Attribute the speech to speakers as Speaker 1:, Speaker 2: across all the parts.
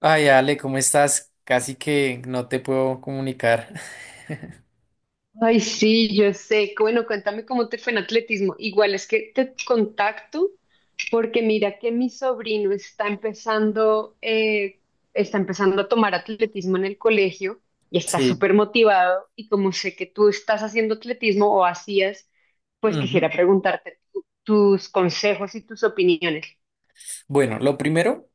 Speaker 1: Ay, Ale, ¿cómo estás? Casi que no te puedo comunicar.
Speaker 2: Ay, sí, yo sé. Bueno, cuéntame cómo te fue en atletismo. Igual es que te contacto porque mira que mi sobrino está empezando a tomar atletismo en el colegio y está
Speaker 1: Sí.
Speaker 2: súper motivado. Y como sé que tú estás haciendo atletismo o hacías, pues quisiera
Speaker 1: Ujú.
Speaker 2: preguntarte tus consejos y tus opiniones.
Speaker 1: Bueno, lo primero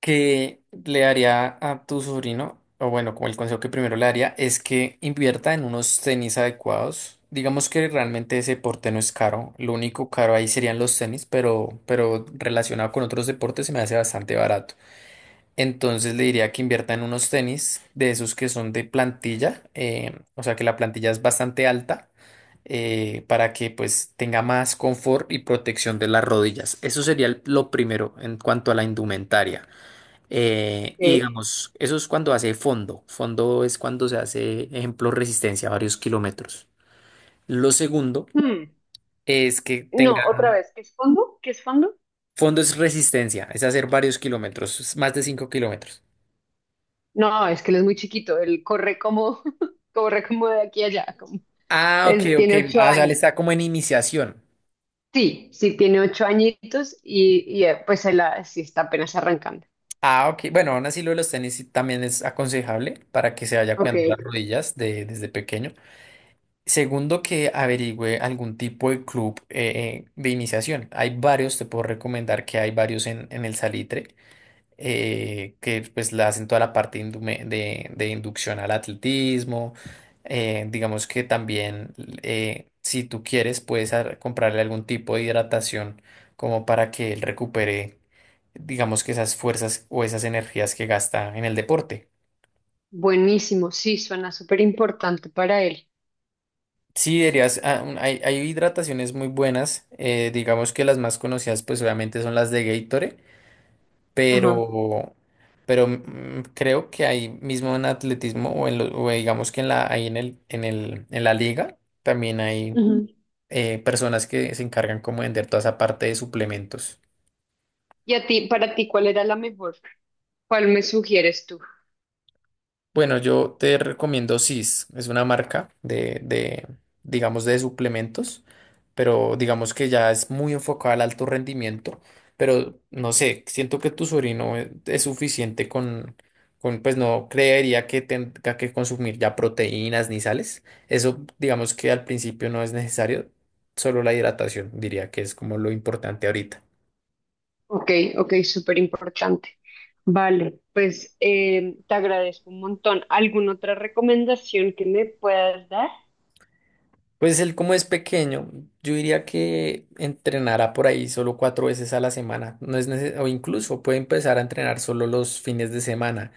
Speaker 1: que le daría a tu sobrino, o bueno, como el consejo que primero le daría, es que invierta en unos tenis adecuados. Digamos que realmente ese deporte no es caro. Lo único caro ahí serían los tenis, pero relacionado con otros deportes se me hace bastante barato. Entonces le diría que invierta en unos tenis de esos que son de plantilla, o sea que la plantilla es bastante alta. Para que pues tenga más confort y protección de las rodillas. Eso sería lo primero en cuanto a la indumentaria. Y
Speaker 2: ¿Eh?
Speaker 1: digamos, eso es cuando hace fondo. Fondo es cuando se hace, ejemplo, resistencia a varios kilómetros. Lo segundo
Speaker 2: Hmm.
Speaker 1: es que
Speaker 2: No,
Speaker 1: tengan
Speaker 2: otra vez, ¿qué es fondo? ¿Qué es fondo?
Speaker 1: fondo, es resistencia, es hacer varios kilómetros, es más de 5 kilómetros.
Speaker 2: No, es que él es muy chiquito, él corre como, corre como de aquí a allá.
Speaker 1: Ah, ok,
Speaker 2: Es-
Speaker 1: ok.
Speaker 2: tiene ocho
Speaker 1: Ah, o sea, le
Speaker 2: años.
Speaker 1: está como en iniciación.
Speaker 2: Sí, sí, tiene 8 añitos y, pues él ah, sí está apenas arrancando.
Speaker 1: Ah, ok. Bueno, aún así lo de los tenis sí también es aconsejable para que se vaya
Speaker 2: Ok,
Speaker 1: cuidando las
Speaker 2: ok.
Speaker 1: rodillas desde pequeño. Segundo, que averigüe algún tipo de club de iniciación. Hay varios, te puedo recomendar que hay varios en el Salitre, que pues le hacen toda la parte de inducción al atletismo. Digamos que también, si tú quieres, puedes comprarle algún tipo de hidratación como para que él recupere, digamos que esas fuerzas o esas energías que gasta en el deporte.
Speaker 2: Buenísimo, sí, suena súper importante para él.
Speaker 1: Sí, dirías, hay, hay hidrataciones muy buenas, digamos que las más conocidas pues obviamente son las de Gatorade,
Speaker 2: Ajá.
Speaker 1: pero, pero creo que ahí mismo en atletismo o digamos que ahí en la liga también hay
Speaker 2: Ujú.
Speaker 1: personas que se encargan como de vender toda esa parte de suplementos.
Speaker 2: Y a ti, para ti, ¿cuál era la mejor? ¿Cuál me sugieres tú?
Speaker 1: Bueno, yo te recomiendo CIS, es una marca de digamos, de suplementos, pero digamos que ya es muy enfocada al alto rendimiento, pero no sé, siento que tu sobrino es suficiente con pues no creería que tenga que consumir ya proteínas ni sales, eso digamos que al principio no es necesario, solo la hidratación diría que es como lo importante ahorita.
Speaker 2: Ok, ok, súper importante. Vale, pues, te agradezco un montón. ¿Alguna otra recomendación que me puedas dar?
Speaker 1: Pues él como es pequeño, yo diría que entrenará por ahí solo cuatro veces a la semana. No es neces- O incluso puede empezar a entrenar solo los fines de semana.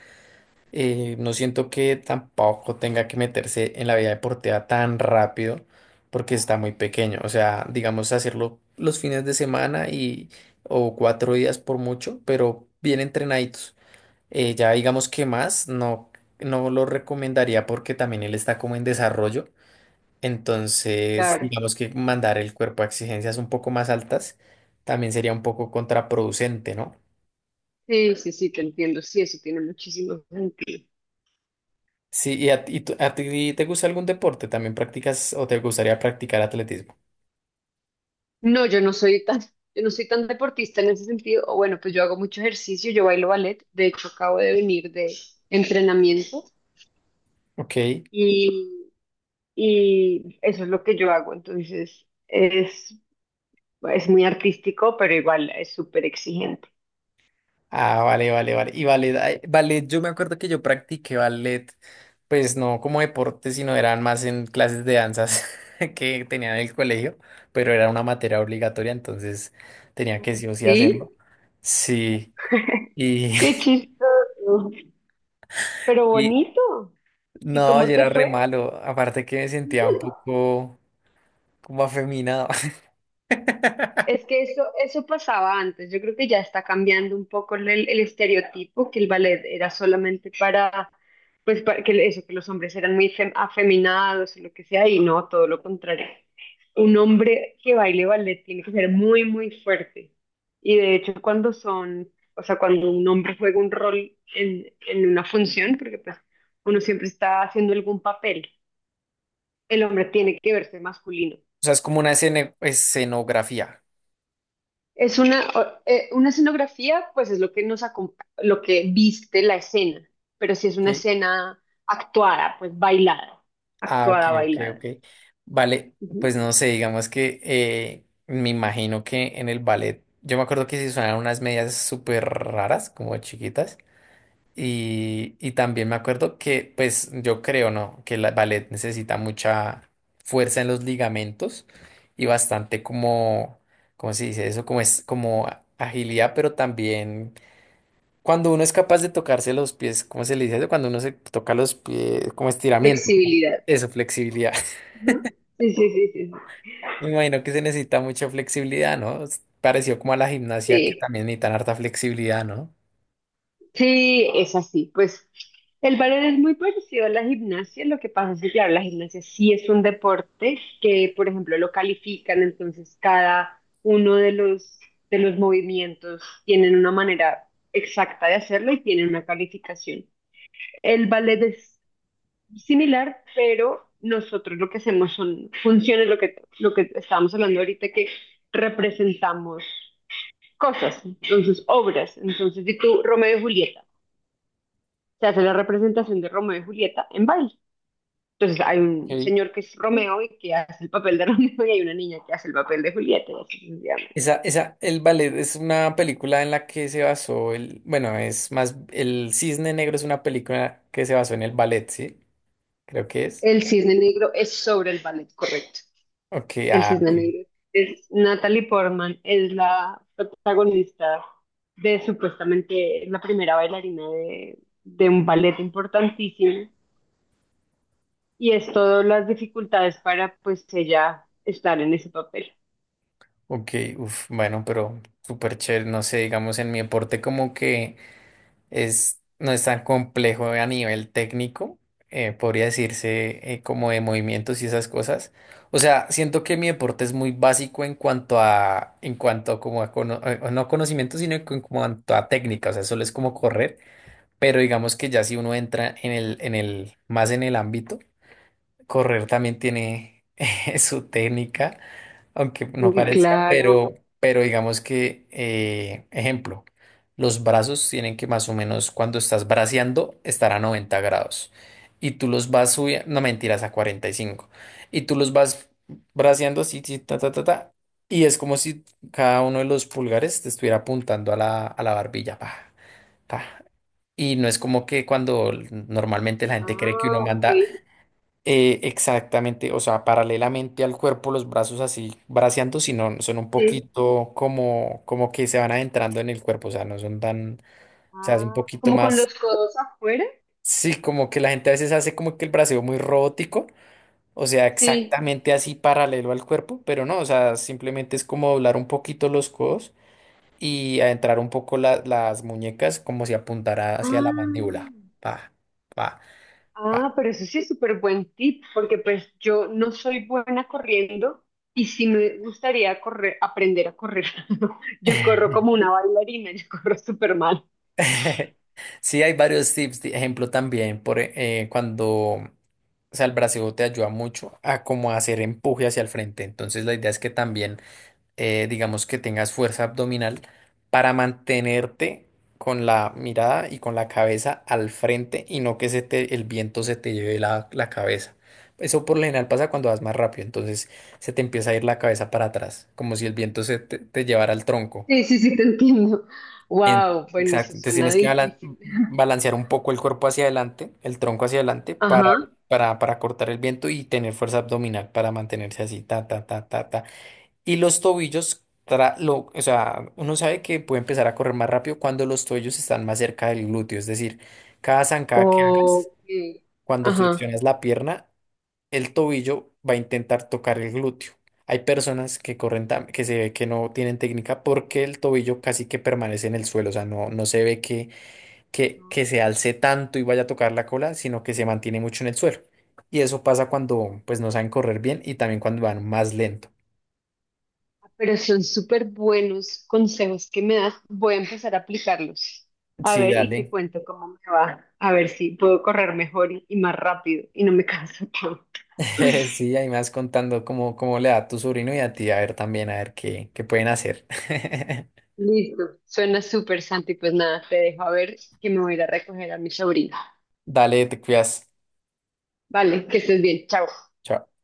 Speaker 1: No siento que tampoco tenga que meterse en la vida deportiva tan rápido porque está muy pequeño. O sea, digamos hacerlo los fines de semana y o 4 días por mucho, pero bien entrenaditos. Ya digamos que más, no, no lo recomendaría porque también él está como en desarrollo. Entonces,
Speaker 2: Claro.
Speaker 1: digamos que mandar el cuerpo a exigencias un poco más altas también sería un poco contraproducente, ¿no?
Speaker 2: Sí, sí, sí, te entiendo. Sí, eso tiene muchísimo sentido.
Speaker 1: Sí, ¿y a ti te gusta algún deporte? ¿También practicas o te gustaría practicar atletismo?
Speaker 2: No, yo no soy tan, yo no soy tan deportista en ese sentido. O bueno, pues yo hago mucho ejercicio, yo bailo ballet. De hecho, acabo de venir de entrenamiento
Speaker 1: Ok.
Speaker 2: y, y eso es lo que yo hago. Entonces, es muy artístico, pero igual es súper exigente.
Speaker 1: Ah, vale, vale, vale. Y ballet, ay, ballet, yo me acuerdo que yo practiqué ballet, pues no como deporte, sino eran más en clases de danzas que tenía en el colegio, pero era una materia obligatoria, entonces tenía que sí o sí hacerlo.
Speaker 2: ¿Sí?
Speaker 1: Sí. Y,
Speaker 2: Qué chistoso, pero bonito. ¿Y
Speaker 1: no, yo
Speaker 2: cómo te
Speaker 1: era re
Speaker 2: fue?
Speaker 1: malo. Aparte que me sentía un poco como afeminado.
Speaker 2: Es que eso pasaba antes. Yo creo que ya está cambiando un poco el estereotipo, que el ballet era solamente para, pues, para que eso, que los hombres eran muy afeminados o lo que sea, y no, todo lo contrario. Un hombre que baile ballet tiene que ser muy, muy fuerte. Y de hecho, cuando son, o sea, cuando un hombre juega un rol en una función, porque pues uno siempre está haciendo algún papel, el hombre tiene que verse masculino.
Speaker 1: O sea, es como una escenografía.
Speaker 2: Es una, una escenografía, pues es lo que lo que viste la escena, pero si es una
Speaker 1: Ok.
Speaker 2: escena actuada, pues bailada,
Speaker 1: Ah, ok,
Speaker 2: actuada,
Speaker 1: ok,
Speaker 2: bailada.
Speaker 1: ok. Vale,
Speaker 2: Ujú.
Speaker 1: pues no sé, digamos que me imagino que en el ballet, yo me acuerdo que se usaban unas medias súper raras, como chiquitas. Y también me acuerdo que, pues yo creo, ¿no? Que el ballet necesita mucha fuerza en los ligamentos y bastante como, ¿cómo se dice eso? Como es, agilidad, pero también cuando uno es capaz de tocarse los pies, ¿cómo se le dice eso? Cuando uno se toca los pies, como estiramiento, ¿no?
Speaker 2: Flexibilidad.
Speaker 1: Eso, flexibilidad.
Speaker 2: Ujú. Sí, sí, sí, sí.
Speaker 1: Me imagino que se necesita mucha flexibilidad, ¿no? Es parecido como a la gimnasia, que
Speaker 2: Sí,
Speaker 1: también necesitan harta flexibilidad, ¿no?
Speaker 2: sí, es así. Pues el ballet es muy parecido a la gimnasia. Lo que pasa es que, claro, la gimnasia sí es un deporte que, por ejemplo, lo califican. Entonces, cada uno de de los movimientos tienen una manera exacta de hacerlo y tienen una calificación. El ballet es similar, pero nosotros lo que hacemos son funciones, lo que estábamos hablando ahorita, que representamos cosas, entonces obras. Entonces, si tú, Romeo y Julieta, se hace la representación de Romeo y Julieta en baile. Entonces hay un señor que es Romeo y que hace el papel de Romeo y hay una niña que hace el papel de Julieta y así sucesivamente.
Speaker 1: Esa, el ballet es una película en la que se basó el, bueno, es más, el Cisne Negro es una película que se basó en el ballet, ¿sí? Creo que es.
Speaker 2: El Cisne Negro es sobre el ballet, correcto.
Speaker 1: Ok,
Speaker 2: El
Speaker 1: ah,
Speaker 2: Cisne
Speaker 1: ok,
Speaker 2: Negro es Natalie Portman, es la protagonista de supuestamente la primera bailarina de un ballet importantísimo y es todas las dificultades para pues ella estar en ese papel.
Speaker 1: ok, uf, bueno, pero súper chévere, no sé, digamos en mi aporte como que es, no es tan complejo a nivel técnico, podría decirse como de movimientos y esas cosas. O sea, siento que mi deporte es muy básico en cuanto en cuanto como a no conocimiento, sino en cuanto a técnica. O sea, solo es como correr, pero digamos que ya si uno entra en el más en el ámbito, correr también tiene su técnica aunque no
Speaker 2: Muy
Speaker 1: parezca,
Speaker 2: claro.
Speaker 1: pero digamos que, ejemplo, los brazos tienen que más o menos cuando estás braceando estar a 90 grados y tú los vas subiendo, no mentiras, a 45 y cinco y tú los vas braceando así, sí, ta, ta, ta, ta, y es como si cada uno de los pulgares te estuviera apuntando a a la barbilla, pa, pa. Y no es como que cuando normalmente la gente cree que uno
Speaker 2: Ah, ok.
Speaker 1: manda exactamente, o sea, paralelamente al cuerpo, los brazos así braceando, sino son un
Speaker 2: Sí,
Speaker 1: poquito como, como que se van adentrando en el cuerpo, o sea, no son tan, o sea, es un
Speaker 2: ah,
Speaker 1: poquito
Speaker 2: como con
Speaker 1: más,
Speaker 2: los codos afuera.
Speaker 1: sí, como que la gente a veces hace como que el braceo muy robótico, o sea,
Speaker 2: Sí.
Speaker 1: exactamente así paralelo al cuerpo, pero no, o sea, simplemente es como doblar un poquito los codos y adentrar un poco las muñecas como si apuntara hacia la
Speaker 2: Ah,
Speaker 1: mandíbula, pa, pa,
Speaker 2: ah,
Speaker 1: pa.
Speaker 2: pero eso sí es súper buen tip, porque pues yo no soy buena corriendo sí me gustaría correr, aprender a correr. Yo corro como una bailarina, yo corro súper mal.
Speaker 1: Sí, hay varios tips, de ejemplo también, por cuando, o sea, el brasileo te ayuda mucho a como hacer empuje hacia el frente. Entonces la idea es que también, digamos que tengas fuerza abdominal para mantenerte con la mirada y con la cabeza al frente y no que se te, el viento se te lleve la cabeza. Eso por lo general pasa cuando vas más rápido, entonces se te empieza a ir la cabeza para atrás, como si el viento se te llevara al tronco.
Speaker 2: Sí, sí, sí, te entiendo.
Speaker 1: En-
Speaker 2: Wow, bueno, eso
Speaker 1: exacto, entonces
Speaker 2: suena
Speaker 1: tienes que
Speaker 2: difícil.
Speaker 1: balancear un poco el cuerpo hacia adelante, el tronco hacia adelante,
Speaker 2: Ajá.
Speaker 1: para cortar el viento y tener fuerza abdominal para mantenerse así, ta, ta, ta, ta, ta. Y los tobillos, o sea, uno sabe que puede empezar a correr más rápido cuando los tobillos están más cerca del glúteo, es decir, cada zancada que hagas,
Speaker 2: Ok.
Speaker 1: cuando
Speaker 2: Ajá.
Speaker 1: flexionas la pierna, el tobillo va a intentar tocar el glúteo. Hay personas que corren, que se ve que no tienen técnica porque el tobillo casi que permanece en el suelo, o sea, no, no se ve que, que se alce tanto y vaya a tocar la cola, sino que se mantiene mucho en el suelo. Y eso pasa cuando pues no saben correr bien y también cuando van más lento.
Speaker 2: Pero son súper buenos consejos que me das. Voy a empezar a aplicarlos. A
Speaker 1: Sí,
Speaker 2: ver, y te
Speaker 1: dale.
Speaker 2: cuento cómo me va. A ver si puedo correr mejor y más rápido y no me canso tanto.
Speaker 1: Sí, ahí me vas contando cómo, cómo le da a tu sobrino y a ti, a ver también, a ver qué, qué pueden hacer.
Speaker 2: Listo. Suena súper, Santi. Pues nada, te dejo a ver que me voy a ir a recoger a mi sobrina.
Speaker 1: Dale, te cuidas.
Speaker 2: Vale, que estés bien. Chao.
Speaker 1: Chao.